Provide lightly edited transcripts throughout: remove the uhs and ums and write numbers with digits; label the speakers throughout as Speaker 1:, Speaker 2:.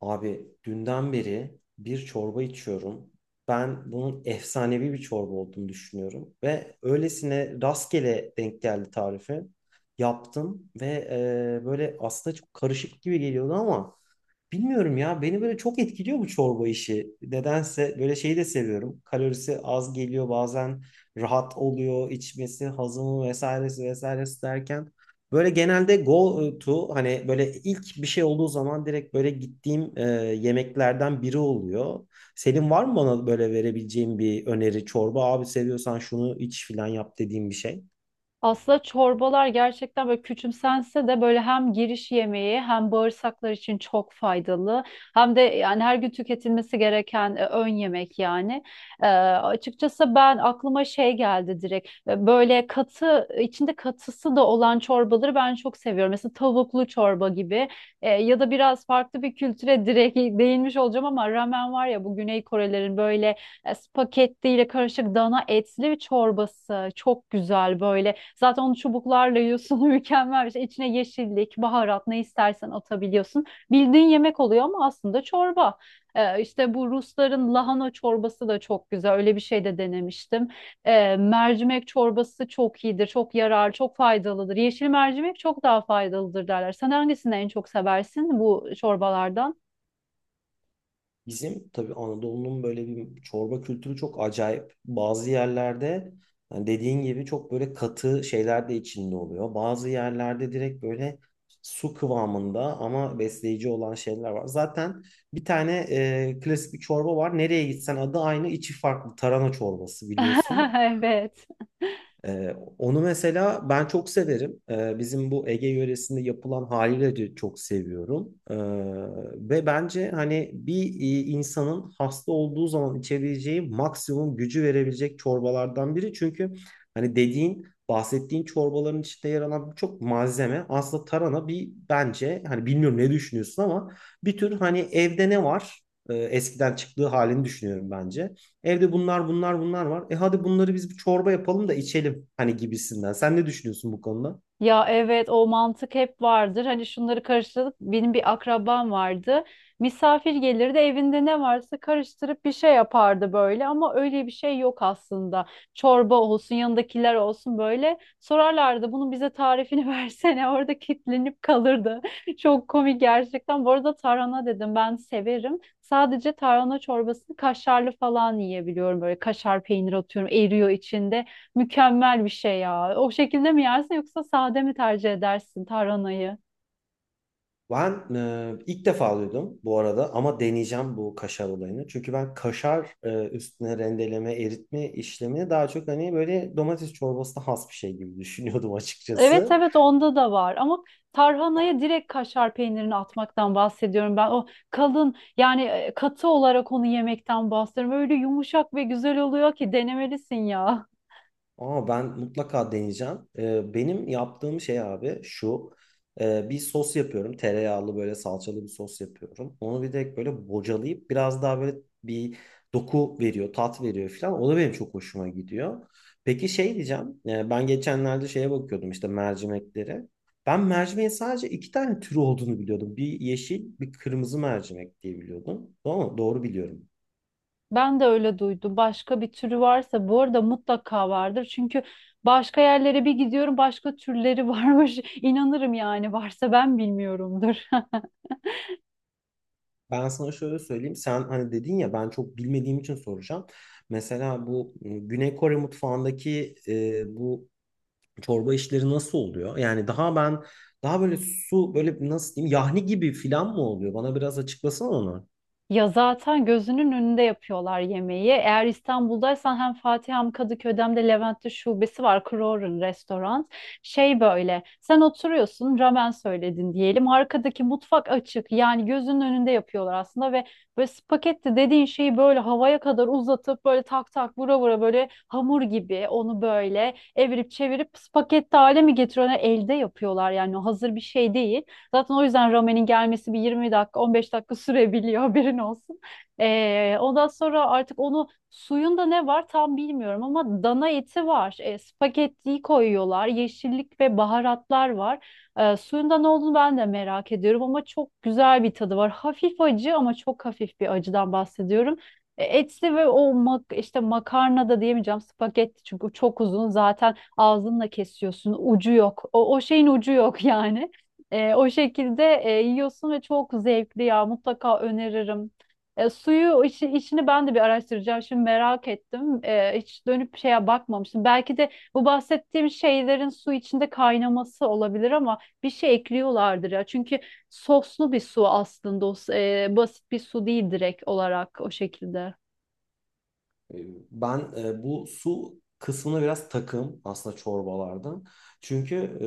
Speaker 1: Abi dünden beri bir çorba içiyorum. Ben bunun efsanevi bir çorba olduğunu düşünüyorum. Ve öylesine rastgele denk geldi tarifi. Yaptım ve böyle aslında çok karışık gibi geliyordu ama bilmiyorum ya, beni böyle çok etkiliyor bu çorba işi. Nedense böyle şeyi de seviyorum. Kalorisi az geliyor bazen, rahat oluyor içmesi, hazımı vesairesi vesairesi derken. Böyle genelde go to, hani böyle ilk bir şey olduğu zaman direkt böyle gittiğim yemeklerden biri oluyor. Senin var mı bana böyle verebileceğin bir öneri çorba? Abi seviyorsan şunu iç filan yap dediğim bir şey.
Speaker 2: Aslında çorbalar gerçekten böyle küçümsense de böyle hem giriş yemeği hem bağırsaklar için çok faydalı. Hem de yani her gün tüketilmesi gereken ön yemek yani. Açıkçası ben aklıma şey geldi direkt. Böyle katı içinde katısı da olan çorbaları ben çok seviyorum. Mesela tavuklu çorba gibi. Ya da biraz farklı bir kültüre direkt değinmiş olacağım ama ramen var ya, bu Güney Korelerin böyle spagettiyle karışık dana etli çorbası çok güzel böyle. Zaten onu çubuklarla yiyorsun mükemmel bir şey. İçine yeşillik, baharat ne istersen atabiliyorsun. Bildiğin yemek oluyor ama aslında çorba. E, işte bu Rusların lahana çorbası da çok güzel. Öyle bir şey de denemiştim. Mercimek çorbası çok iyidir, çok yarar, çok faydalıdır. Yeşil mercimek çok daha faydalıdır derler. Sen hangisini en çok seversin bu çorbalardan?
Speaker 1: Bizim tabii Anadolu'nun böyle bir çorba kültürü çok acayip. Bazı yerlerde yani dediğin gibi çok böyle katı şeyler de içinde oluyor. Bazı yerlerde direkt böyle su kıvamında ama besleyici olan şeyler var. Zaten bir tane klasik bir çorba var. Nereye gitsen adı aynı, içi farklı. Tarhana çorbası biliyorsun.
Speaker 2: Evet.
Speaker 1: Onu mesela ben çok severim. Bizim bu Ege yöresinde yapılan haliyle de çok seviyorum. Ve bence hani bir insanın hasta olduğu zaman içebileceği maksimum gücü verebilecek çorbalardan biri. Çünkü hani dediğin bahsettiğin çorbaların içinde yer alan birçok malzeme aslında tarhana bir, bence hani bilmiyorum ne düşünüyorsun ama bir tür hani evde ne var? Eskiden çıktığı halini düşünüyorum bence. Evde bunlar bunlar bunlar var. E hadi bunları biz bir çorba yapalım da içelim hani gibisinden. Sen ne düşünüyorsun bu konuda?
Speaker 2: Ya evet, o mantık hep vardır. Hani şunları karıştırıp, benim bir akrabam vardı. Misafir gelirdi, evinde ne varsa karıştırıp bir şey yapardı böyle, ama öyle bir şey yok aslında. Çorba olsun, yanındakiler olsun böyle sorarlardı bunun bize tarifini versene, orada kilitlenip kalırdı. Çok komik gerçekten. Bu arada tarhana dedim, ben severim. Sadece tarhana çorbasını kaşarlı falan yiyebiliyorum, böyle kaşar peynir atıyorum, eriyor içinde. Mükemmel bir şey ya. O şekilde mi yersin, yoksa sade mi tercih edersin tarhanayı?
Speaker 1: Ben ilk defa duydum bu arada ama deneyeceğim bu kaşar olayını. Çünkü ben kaşar üstüne rendeleme, eritme işlemini daha çok hani böyle domates çorbasına has bir şey gibi düşünüyordum
Speaker 2: Evet,
Speaker 1: açıkçası.
Speaker 2: evet, onda da var ama tarhanaya direkt kaşar peynirini atmaktan bahsediyorum ben. O kalın yani, katı olarak onu yemekten bahsediyorum. Öyle yumuşak ve güzel oluyor ki, denemelisin ya.
Speaker 1: Ama ben mutlaka deneyeceğim. Benim yaptığım şey abi şu. Bir sos yapıyorum. Tereyağlı böyle salçalı bir sos yapıyorum. Onu bir de böyle bocalayıp biraz daha böyle bir doku veriyor, tat veriyor falan. O da benim çok hoşuma gidiyor. Peki şey diyeceğim. Ben geçenlerde şeye bakıyordum işte mercimeklere. Ben mercimeğin sadece iki tane türü olduğunu biliyordum. Bir yeşil, bir kırmızı mercimek diye biliyordum. Doğru mu? Doğru biliyorum.
Speaker 2: Ben de öyle duydum. Başka bir türü varsa bu arada mutlaka vardır. Çünkü başka yerlere bir gidiyorum, başka türleri varmış. İnanırım yani, varsa ben bilmiyorumdur.
Speaker 1: Ben sana şöyle söyleyeyim. Sen hani dedin ya, ben çok bilmediğim için soracağım. Mesela bu Güney Kore mutfağındaki bu çorba işleri nasıl oluyor? Yani daha ben daha böyle su böyle nasıl diyeyim, yahni gibi filan mı oluyor? Bana biraz açıklasana onu.
Speaker 2: Ya zaten gözünün önünde yapıyorlar yemeği. Eğer İstanbul'daysan hem Fatih hem Kadıköy'de hem de Levent'te şubesi var. Kroger'ın restoran. Şey, böyle sen oturuyorsun, ramen söyledin diyelim. Arkadaki mutfak açık, yani gözünün önünde yapıyorlar aslında. Ve böyle spagetti dediğin şeyi böyle havaya kadar uzatıp, böyle tak tak vura vura, böyle hamur gibi onu böyle evirip çevirip spagetti hale mi getiriyorlar? Elde yapıyorlar yani, o hazır bir şey değil. Zaten o yüzden ramenin gelmesi bir 20 dakika, 15 dakika sürebiliyor haberin olsun. Ondan sonra artık onu, suyunda ne var tam bilmiyorum, ama dana eti var. Spagettiyi koyuyorlar. Yeşillik ve baharatlar var. Suyunda ne olduğunu ben de merak ediyorum, ama çok güzel bir tadı var. Hafif acı, ama çok hafif bir acıdan bahsediyorum. Etli ve o işte makarna da diyemeyeceğim, spagetti çünkü çok uzun, zaten ağzınla kesiyorsun, ucu yok, o şeyin ucu yok yani o şekilde yiyorsun ve çok zevkli ya, mutlaka öneririm. Suyu işini ben de bir araştıracağım. Şimdi merak ettim. Hiç dönüp şeye bakmamıştım. Belki de bu bahsettiğim şeylerin su içinde kaynaması olabilir, ama bir şey ekliyorlardır ya. Çünkü soslu bir su aslında. O basit bir su değil direkt olarak, o şekilde.
Speaker 1: E, Ben bu su kısmına biraz takım aslında çorbalarda. Çünkü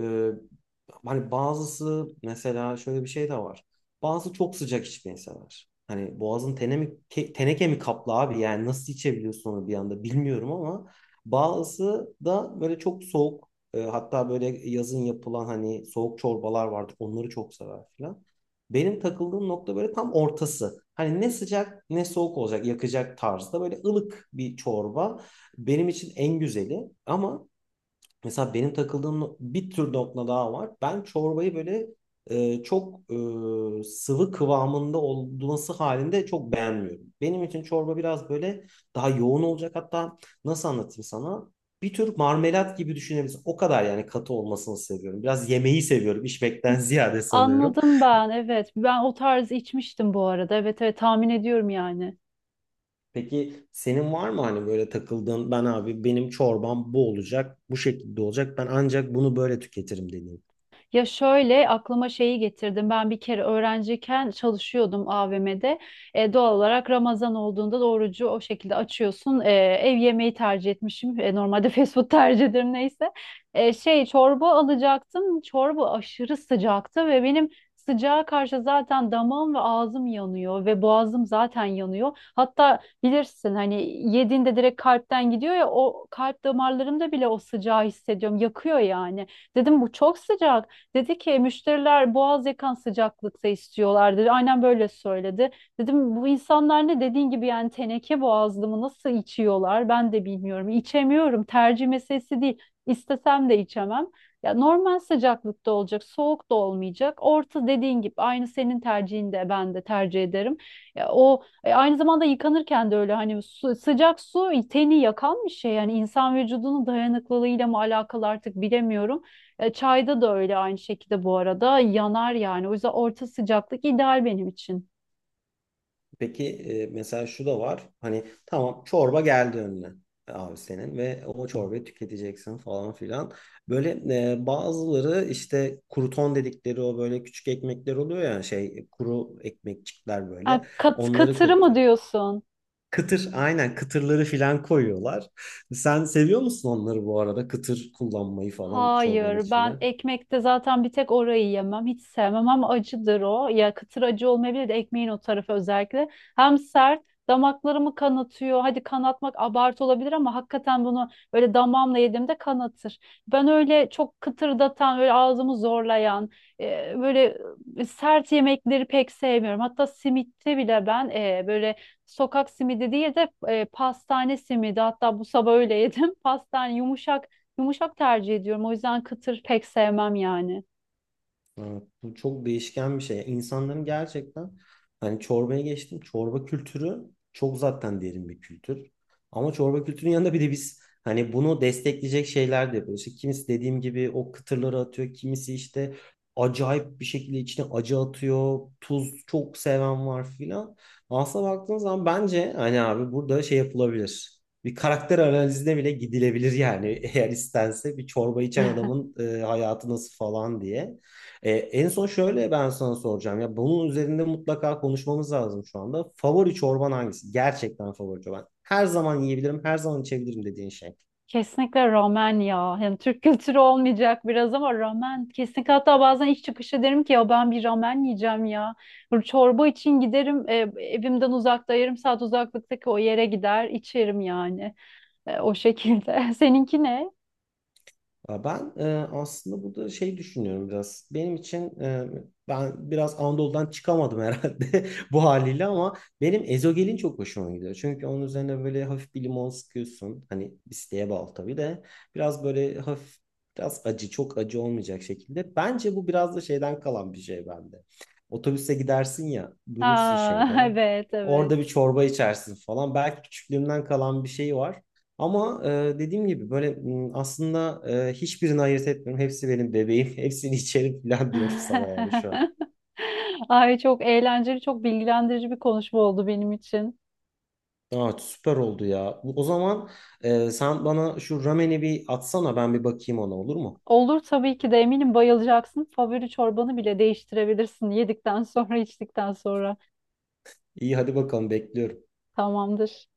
Speaker 1: hani bazısı mesela şöyle bir şey de var. Bazısı çok sıcak içmeyi sever. Hani boğazın tene mi, teneke mi kaplı abi, yani nasıl içebiliyorsun onu bir anda bilmiyorum ama bazısı da böyle çok soğuk, hatta böyle yazın yapılan hani soğuk çorbalar vardır, onları çok sever falan. Benim takıldığım nokta böyle tam ortası. Hani ne sıcak ne soğuk olacak, yakacak tarzda, böyle ılık bir çorba benim için en güzeli. Ama mesela benim takıldığım bir tür nokta daha var. Ben çorbayı böyle e, çok sıvı kıvamında olması halinde çok beğenmiyorum. Benim için çorba biraz böyle daha yoğun olacak. Hatta nasıl anlatayım sana? Bir tür marmelat gibi düşünebilirsin. O kadar yani katı olmasını seviyorum. Biraz yemeği seviyorum, içmekten ziyade sanıyorum.
Speaker 2: Anladım ben, evet. Ben o tarz içmiştim bu arada. Evet, evet, tahmin ediyorum yani.
Speaker 1: Peki senin var mı hani böyle takıldığın, ben abi benim çorbam bu olacak, bu şekilde olacak, ben ancak bunu böyle tüketirim dediğin.
Speaker 2: Ya şöyle aklıma şeyi getirdim. Ben bir kere öğrenciyken çalışıyordum AVM'de. Doğal olarak Ramazan olduğunda da orucu o şekilde açıyorsun. Ev yemeği tercih etmişim. Normalde fast food tercih ederim, neyse. Şey çorba alacaktım. Çorba aşırı sıcaktı ve benim, sıcağa karşı zaten damağım ve ağzım yanıyor ve boğazım zaten yanıyor. Hatta bilirsin hani, yediğinde direkt kalpten gidiyor ya, o kalp damarlarımda bile o sıcağı hissediyorum. Yakıyor yani. Dedim bu çok sıcak. Dedi ki müşteriler boğaz yakan sıcaklıkta istiyorlar, dedi. Aynen böyle söyledi. Dedim bu insanlar ne dediğin gibi yani, teneke boğazlı mı, nasıl içiyorlar ben de bilmiyorum. İçemiyorum, tercih meselesi değil. İstesem de içemem. Ya normal sıcaklıkta olacak, soğuk da olmayacak. Orta, dediğin gibi, aynı senin tercihin de, ben de tercih ederim. Ya o aynı zamanda yıkanırken de öyle, hani sıcak su teni yakan bir şey, yani insan vücudunun dayanıklılığıyla mı alakalı artık bilemiyorum. Çayda da öyle aynı şekilde bu arada yanar yani. O yüzden orta sıcaklık ideal benim için.
Speaker 1: Peki mesela şu da var. Hani tamam, çorba geldi önüne, abi senin ve o çorbayı tüketeceksin falan filan. Böyle bazıları işte kruton dedikleri o böyle küçük ekmekler oluyor ya, şey, kuru ekmekçikler böyle.
Speaker 2: Ha,
Speaker 1: Onları
Speaker 2: katırı mı
Speaker 1: katıyor.
Speaker 2: diyorsun?
Speaker 1: Kıtır, aynen, kıtırları filan koyuyorlar. Sen seviyor musun onları bu arada, kıtır kullanmayı falan çorbanın
Speaker 2: Hayır,
Speaker 1: içine?
Speaker 2: ben ekmekte zaten bir tek orayı yemem. Hiç sevmem, ama acıdır o. Ya kıtır acı olmayabilir de, ekmeğin o tarafı özellikle. Hem sert, damaklarımı kanatıyor. Hadi kanatmak abartı olabilir, ama hakikaten bunu böyle damağımla yediğimde kanatır. Ben öyle çok kıtırdatan, böyle ağzımı zorlayan, e, böyle sert yemekleri pek sevmiyorum. Hatta simitte bile ben böyle sokak simidi değil de pastane simidi. Hatta bu sabah öyle yedim. Pastane yumuşak, yumuşak tercih ediyorum. O yüzden kıtır pek sevmem yani.
Speaker 1: Evet, bu çok değişken bir şey. İnsanların gerçekten hani, çorbaya geçtim, çorba kültürü çok zaten derin bir kültür. Ama çorba kültürünün yanında bir de biz hani bunu destekleyecek şeyler de yapıyoruz. İşte kimisi dediğim gibi o kıtırları atıyor. Kimisi işte acayip bir şekilde içine acı atıyor. Tuz çok seven var filan. Aslına baktığın zaman bence hani abi burada şey yapılabilir. Bir karakter analizine bile gidilebilir yani eğer istense, bir çorba içen adamın hayatı nasıl falan diye. En son şöyle ben sana soracağım. Ya bunun üzerinde mutlaka konuşmamız lazım şu anda. Favori çorban hangisi? Gerçekten favori çorban. Her zaman yiyebilirim, her zaman içebilirim dediğin şey.
Speaker 2: Kesinlikle ramen ya. Yani Türk kültürü olmayacak biraz, ama ramen. Kesinlikle, hatta bazen iş çıkışı derim ki ya, ben bir ramen yiyeceğim ya. Böyle çorba için giderim, evimden uzakta 30 dakika uzaklıktaki o yere gider içerim yani. O şekilde. Seninki ne?
Speaker 1: Ya ben aslında burada şey düşünüyorum biraz. Benim için ben biraz Anadolu'dan çıkamadım herhalde bu haliyle, ama benim ezogelin çok hoşuma gidiyor. Çünkü onun üzerine böyle hafif bir limon sıkıyorsun. Hani isteğe bağlı tabii de, biraz böyle hafif, biraz acı, çok acı olmayacak şekilde. Bence bu biraz da şeyden kalan bir şey bende. Otobüse gidersin ya,
Speaker 2: Ha
Speaker 1: durursun şeyde.
Speaker 2: evet, evet.
Speaker 1: Orada bir çorba içersin falan. Belki küçüklüğümden kalan bir şey var. Ama dediğim gibi böyle aslında hiçbirini ayırt etmiyorum. Hepsi benim bebeğim. Hepsini içerim falan diyorum sana yani şu an.
Speaker 2: Ay, çok eğlenceli, çok bilgilendirici bir konuşma oldu benim için.
Speaker 1: Evet, süper oldu ya. Bu- o zaman sen bana şu rameni bir atsana, ben bir bakayım ona, olur mu?
Speaker 2: Olur tabii ki de, eminim bayılacaksın. Favori çorbanı bile değiştirebilirsin yedikten sonra, içtikten sonra.
Speaker 1: İyi, hadi bakalım, bekliyorum.
Speaker 2: Tamamdır.